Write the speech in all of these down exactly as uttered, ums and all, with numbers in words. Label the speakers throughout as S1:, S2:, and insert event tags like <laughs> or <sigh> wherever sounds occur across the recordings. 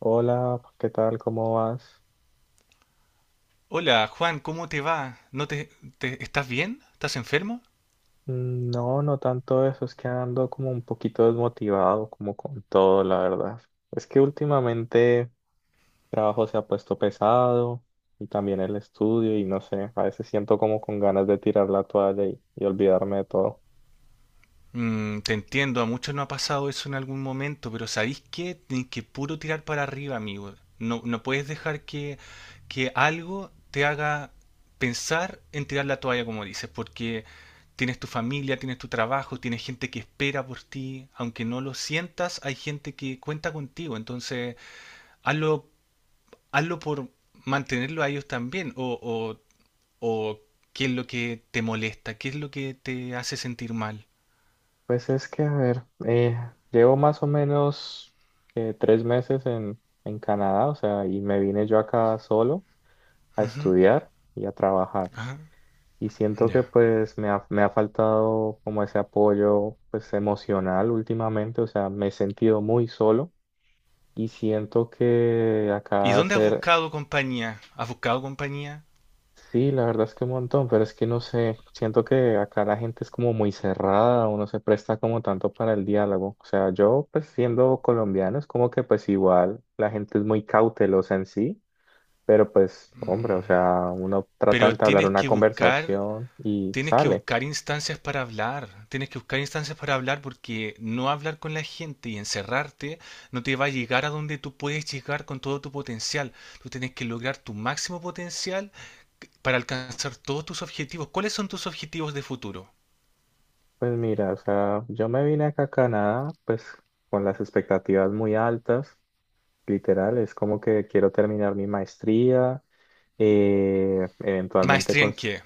S1: Hola, ¿qué tal? ¿Cómo vas?
S2: Hola, Juan, ¿cómo te va? ¿No te, te- estás bien? ¿Estás enfermo?
S1: Mm, No, no tanto eso, es que ando como un poquito desmotivado, como con todo, la verdad. Es que últimamente el trabajo se ha puesto pesado y también el estudio y no sé, a veces siento como con ganas de tirar la toalla y, y olvidarme de todo.
S2: Mm, te entiendo, a muchos no ha pasado eso en algún momento, pero ¿sabéis qué? Tienes que puro tirar para arriba, amigo. No, no puedes dejar que, que algo te haga pensar en tirar la toalla, como dices, porque tienes tu familia, tienes tu trabajo, tienes gente que espera por ti. Aunque no lo sientas, hay gente que cuenta contigo. Entonces, hazlo, hazlo por mantenerlo a ellos también. O, o o qué es lo que te molesta, qué es lo que te hace sentir mal.
S1: Pues es que, a ver, eh, llevo más o menos eh, tres meses en, en Canadá, o sea, y me vine yo acá solo a
S2: Ujú,
S1: estudiar y a trabajar.
S2: ajá,
S1: Y siento que
S2: ya.
S1: pues me ha, me ha faltado como ese apoyo pues emocional últimamente, o sea, me he sentido muy solo y siento que
S2: ¿Y
S1: acá
S2: dónde has
S1: hacer,
S2: buscado compañía? ¿Has buscado compañía?
S1: sí, la verdad es que un montón, pero es que no sé, siento que acá la gente es como muy cerrada, uno se presta como tanto para el diálogo, o sea, yo pues siendo colombiano es como que pues igual la gente es muy cautelosa en sí. Pero pues, hombre, o
S2: Mm,
S1: sea, uno trata de
S2: pero
S1: entablar
S2: tienes
S1: una
S2: que buscar,
S1: conversación y
S2: tienes que
S1: sale.
S2: buscar instancias para hablar, tienes que buscar instancias para hablar porque no hablar con la gente y encerrarte no te va a llegar a donde tú puedes llegar con todo tu potencial. Tú tienes que lograr tu máximo potencial para alcanzar todos tus objetivos. ¿Cuáles son tus objetivos de futuro?
S1: Pues mira, o sea, yo me vine acá a Canadá, pues con las expectativas muy altas, literal, es como que quiero terminar mi maestría, eh, eventualmente
S2: ¿Maestría en
S1: cons-
S2: qué?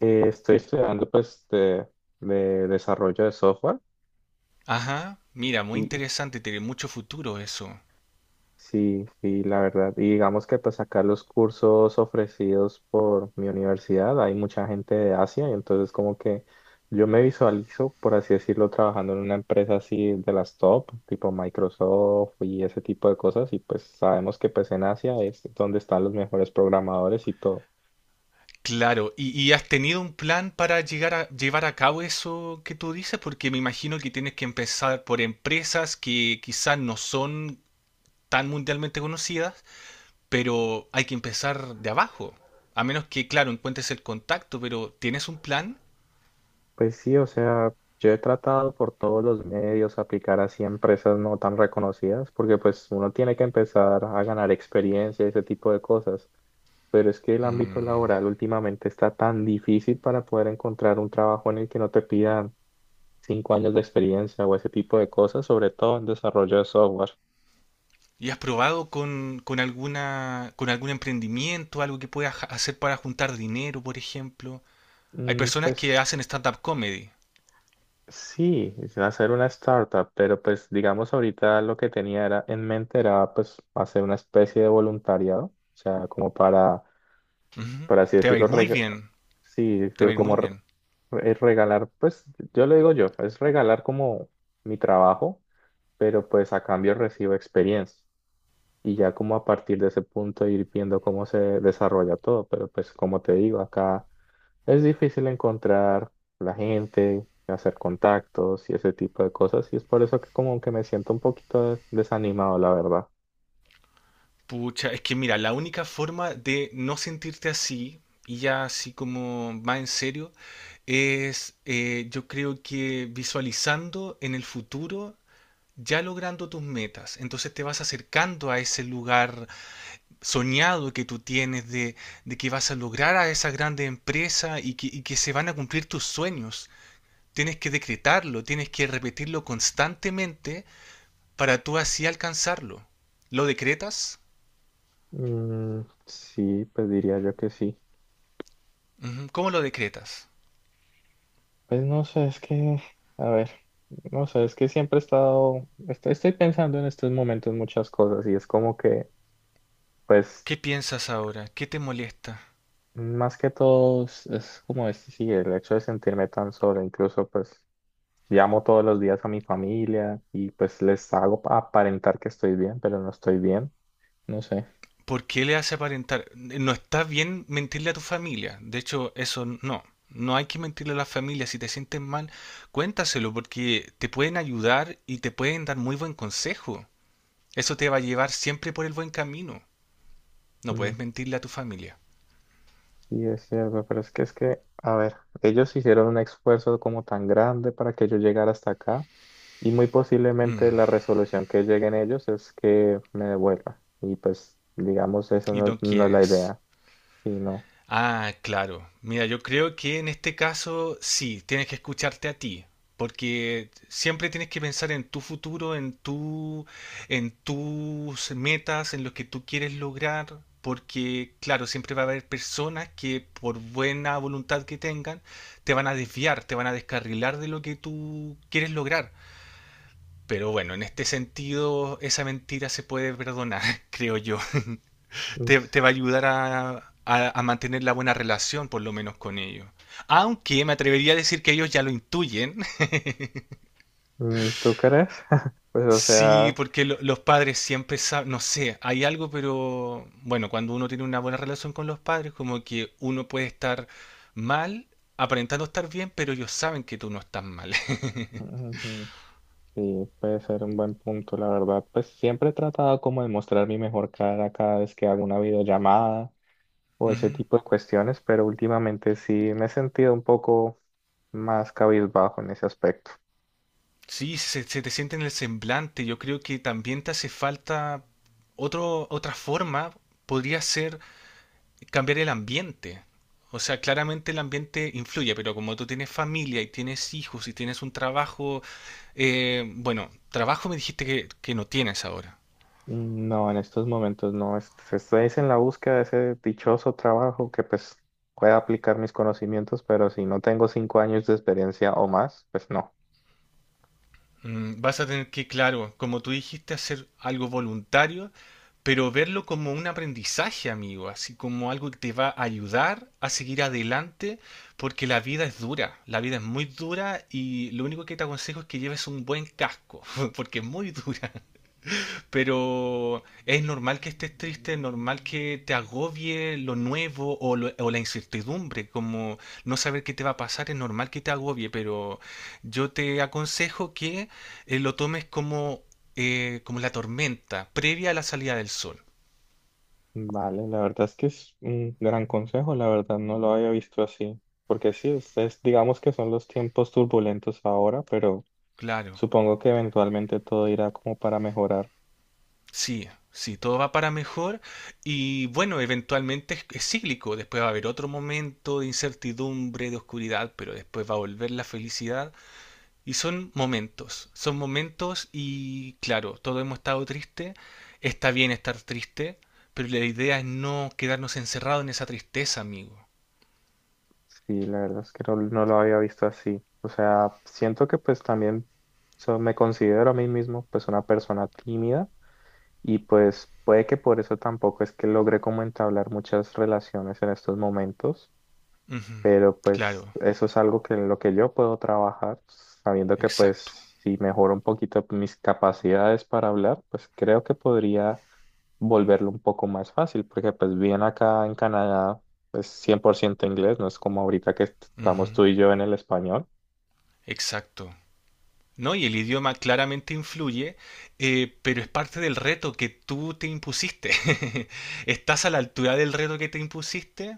S1: eh, estoy estudiando pues de, de desarrollo de software
S2: Ajá, mira, muy
S1: y
S2: interesante, tiene mucho futuro eso.
S1: sí, sí, la verdad. Y digamos que pues acá los cursos ofrecidos por mi universidad, hay mucha gente de Asia y entonces como que yo me visualizo, por así decirlo, trabajando en una empresa así de las top, tipo Microsoft y ese tipo de cosas y pues sabemos que pues en Asia es donde están los mejores programadores y todo.
S2: Claro, ¿y, y has tenido un plan para llegar a llevar a cabo eso que tú dices? Porque me imagino que tienes que empezar por empresas que quizás no son tan mundialmente conocidas, pero hay que empezar de abajo. A menos que, claro, encuentres el contacto, pero ¿tienes un plan?
S1: Pues sí, o sea, yo he tratado por todos los medios aplicar así a empresas no tan reconocidas porque pues uno tiene que empezar a ganar experiencia y ese tipo de cosas. Pero es que el ámbito
S2: Mm.
S1: laboral últimamente está tan difícil para poder encontrar un trabajo en el que no te pidan cinco años de experiencia o ese tipo de cosas, sobre todo en desarrollo de software.
S2: ¿Y has probado con, con alguna, con algún emprendimiento, algo que puedas ja- hacer para juntar dinero, por ejemplo? Hay
S1: Mm,
S2: personas
S1: pues
S2: que hacen stand-up comedy.
S1: sí, es hacer una startup, pero pues digamos ahorita lo que tenía era, en mente era pues hacer una especie de voluntariado, o sea, como para,
S2: Ujú.
S1: por así
S2: Te va a ir
S1: decirlo,
S2: muy
S1: reg-
S2: bien,
S1: sí,
S2: te va
S1: pero
S2: a ir
S1: como
S2: muy
S1: re-
S2: bien.
S1: es regalar, pues yo le digo yo, es regalar como mi trabajo pero pues a cambio recibo experiencia. Y ya como a partir de ese punto ir viendo cómo se desarrolla todo, pero pues como te digo, acá es difícil encontrar la gente, hacer contactos y ese tipo de cosas, y es por eso que como que me siento un poquito desanimado, la verdad.
S2: Pucha, es que mira, la única forma de no sentirte así y ya así como más en serio es eh, yo creo que visualizando en el futuro ya logrando tus metas. Entonces te vas acercando a ese lugar soñado que tú tienes de, de que vas a lograr a esa grande empresa y que, y que se van a cumplir tus sueños. Tienes que decretarlo, tienes que repetirlo constantemente para tú así alcanzarlo. ¿Lo decretas?
S1: Mm, sí, pues diría yo que sí.
S2: Ujú. ¿Cómo lo decretas? ¿Cómo lo decretas?
S1: Pues no sé, es que, a ver, no sé, es que siempre he estado, estoy, estoy pensando en estos momentos muchas cosas y es como que, pues
S2: ¿Qué piensas ahora? ¿Qué te molesta?
S1: más que todo es es como este, sí, el hecho de sentirme tan solo, incluso pues llamo todos los días a mi familia y pues les hago pa- aparentar que estoy bien, pero no estoy bien, no sé.
S2: ¿Por qué le hace aparentar? No está bien mentirle a tu familia. De hecho, eso no. No hay que mentirle a la familia. Si te sientes mal, cuéntaselo porque te pueden ayudar y te pueden dar muy buen consejo. Eso te va a llevar siempre por el buen camino. No
S1: Mm,
S2: puedes mentirle a tu familia.
S1: Sí, es cierto, pero es que es que, a ver, ellos hicieron un esfuerzo como tan grande para que yo llegara hasta acá y muy posiblemente
S2: Mm,
S1: la resolución que lleguen ellos es que me devuelva y pues digamos eso
S2: y
S1: no,
S2: no
S1: no es la
S2: quieres.
S1: idea, y no.
S2: Ah, claro. Mira, yo creo que en este caso sí, tienes que escucharte a ti, porque siempre tienes que pensar en tu futuro, en tu, en tus metas, en lo que tú quieres lograr, porque claro, siempre va a haber personas que por buena voluntad que tengan, te van a desviar, te van a descarrilar de lo que tú quieres lograr. Pero bueno, en este sentido, esa mentira se puede perdonar, <laughs> creo yo.
S1: Mm,
S2: te, te va a ayudar a, a- a mantener la buena relación, por lo menos con ellos. Aunque me atrevería a decir que ellos ya lo intuyen. <laughs>
S1: mm, ¿tú crees? <laughs> Pues o
S2: Sí,
S1: sea...
S2: porque lo- los padres siempre saben, no sé, hay algo, pero bueno, cuando uno tiene una buena relación con los padres, como que uno puede estar mal, aparentando estar bien, pero ellos saben que tú no estás mal. <laughs>
S1: Ujú. Sí, puede ser un buen punto, la verdad. Pues siempre he tratado como de mostrar mi mejor cara cada vez que hago una videollamada o ese
S2: Ujú.
S1: tipo de cuestiones, pero últimamente sí me he sentido un poco más cabizbajo en ese aspecto.
S2: Sí, se, se te siente en el semblante. Yo creo que también te hace falta otro, otra forma. Podría ser cambiar el ambiente. O sea, claramente el ambiente influye, pero como tú tienes familia y tienes hijos y tienes un trabajo, eh, bueno, trabajo me dijiste que, que no tienes ahora.
S1: Mm, No, en estos momentos no. Es- Estoy es en la búsqueda de ese dichoso trabajo que pues pueda aplicar mis conocimientos, pero si no tengo cinco años de experiencia o más, pues no.
S2: Mm, vas a tener que, claro, como tú dijiste, hacer algo voluntario, pero verlo como un aprendizaje, amigo, así como algo que te va a ayudar a seguir adelante, porque la vida es dura, la vida es muy dura y lo único que te aconsejo es que lleves un buen casco, <laughs> porque es muy dura. Pero es normal que estés triste, es normal que te agobie lo nuevo o, lo- o la incertidumbre, como no saber qué te va a pasar, es normal que te agobie, pero yo te aconsejo que eh, lo tomes como, eh, como la tormenta previa a la salida del sol.
S1: Vale, la verdad es que es un gran consejo, la verdad no lo había visto así, porque sí, ustedes digamos que son los tiempos turbulentos ahora, pero
S2: Claro,
S1: supongo que eventualmente todo irá como para mejorar.
S2: sí, sí, todo va para mejor y bueno, eventualmente es, es cíclico, después va a haber otro momento de incertidumbre, de oscuridad, pero después va a volver la felicidad. Y son momentos, son momentos y claro, todos hemos estado tristes, está bien estar triste, pero la idea es no quedarnos encerrados en esa tristeza, amigo.
S1: Sí, la verdad es que no, no lo había visto así. O sea, siento que pues también so- me considero a mí mismo pues una persona tímida y pues puede que por eso tampoco es que logre como entablar muchas relaciones en estos momentos
S2: Ujú,
S1: pero pues
S2: claro,
S1: eso es algo que en lo que yo puedo trabajar, sabiendo que
S2: exacto.
S1: pues si mejoro un poquito mis capacidades para hablar, pues creo que podría volverlo un poco más fácil, porque pues bien acá en Canadá es cien por ciento inglés, no es como ahorita que est-
S2: Ujú,
S1: estamos tú y yo en el español.
S2: exacto. ¿No? Y el idioma claramente influye, eh, pero es parte del reto que tú te impusiste. <laughs> ¿Estás a la altura del reto que te impusiste?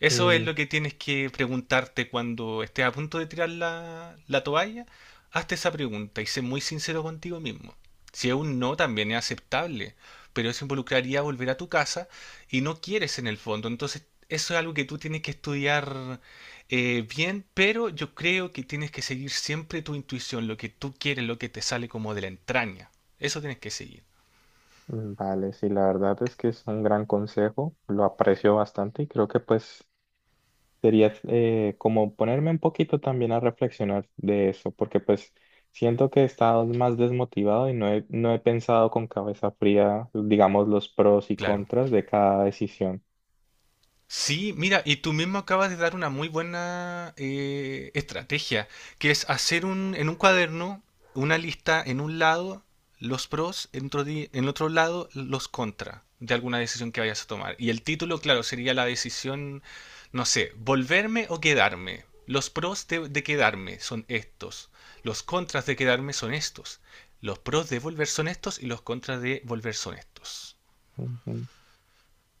S2: Eso es
S1: Mm,
S2: lo que tienes que preguntarte cuando estés a punto de tirar la, la toalla. Hazte esa pregunta y sé muy sincero contigo mismo. Si es un no, también es aceptable, pero eso involucraría volver a tu casa y no quieres en el fondo. Entonces, eso es algo que tú tienes que estudiar eh, bien, pero yo creo que tienes que seguir siempre tu intuición, lo que tú quieres, lo que te sale como de la entraña. Eso tienes que seguir,
S1: mm, Vale, sí, la verdad es que es un gran consejo, lo aprecio bastante y creo que pues sería eh, como ponerme un poquito también a reflexionar de eso, porque pues siento que he estado más desmotivado y no he, no he pensado con cabeza fría, digamos, los pros y
S2: claro.
S1: contras de cada decisión.
S2: Sí, mira, y tú mismo acabas de dar una muy buena eh, estrategia, que es hacer un, en un cuaderno una lista en un lado, los pros, en otro, di- en otro lado, los contra de alguna decisión que vayas a tomar. Y el título, claro, sería la decisión, no sé, volverme o quedarme. Los pros de, de quedarme son estos, los contras de quedarme son estos, los pros de volver son estos y los contras de volver son estos.
S1: Ujú.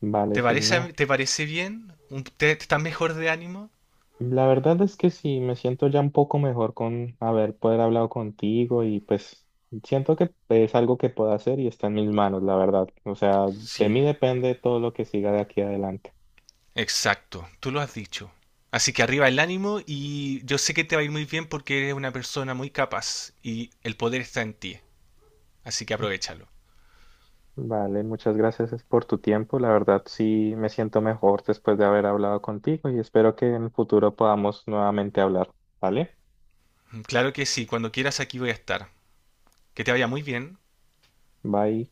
S1: Vale,
S2: ¿Te
S1: sí,
S2: parece,
S1: no.
S2: te parece bien? ¿Un- ¿Te, te estás mejor de ánimo?
S1: La verdad es que sí, me siento ya un poco mejor con haber poder hablado contigo y pues siento que es algo que puedo hacer y está en mis manos, la verdad. O sea, de
S2: Sí,
S1: mí depende todo lo que siga de aquí adelante.
S2: exacto, tú lo has dicho. Así que arriba el ánimo y yo sé que te va a ir muy bien porque eres una persona muy capaz y el poder está en ti. Así que aprovéchalo.
S1: Vale, muchas gracias por tu tiempo. La verdad sí me siento mejor después de haber hablado contigo y espero que en el futuro podamos nuevamente hablar. ¿Vale?
S2: Claro que sí, cuando quieras aquí voy a estar. Que te vaya muy bien.
S1: Bye.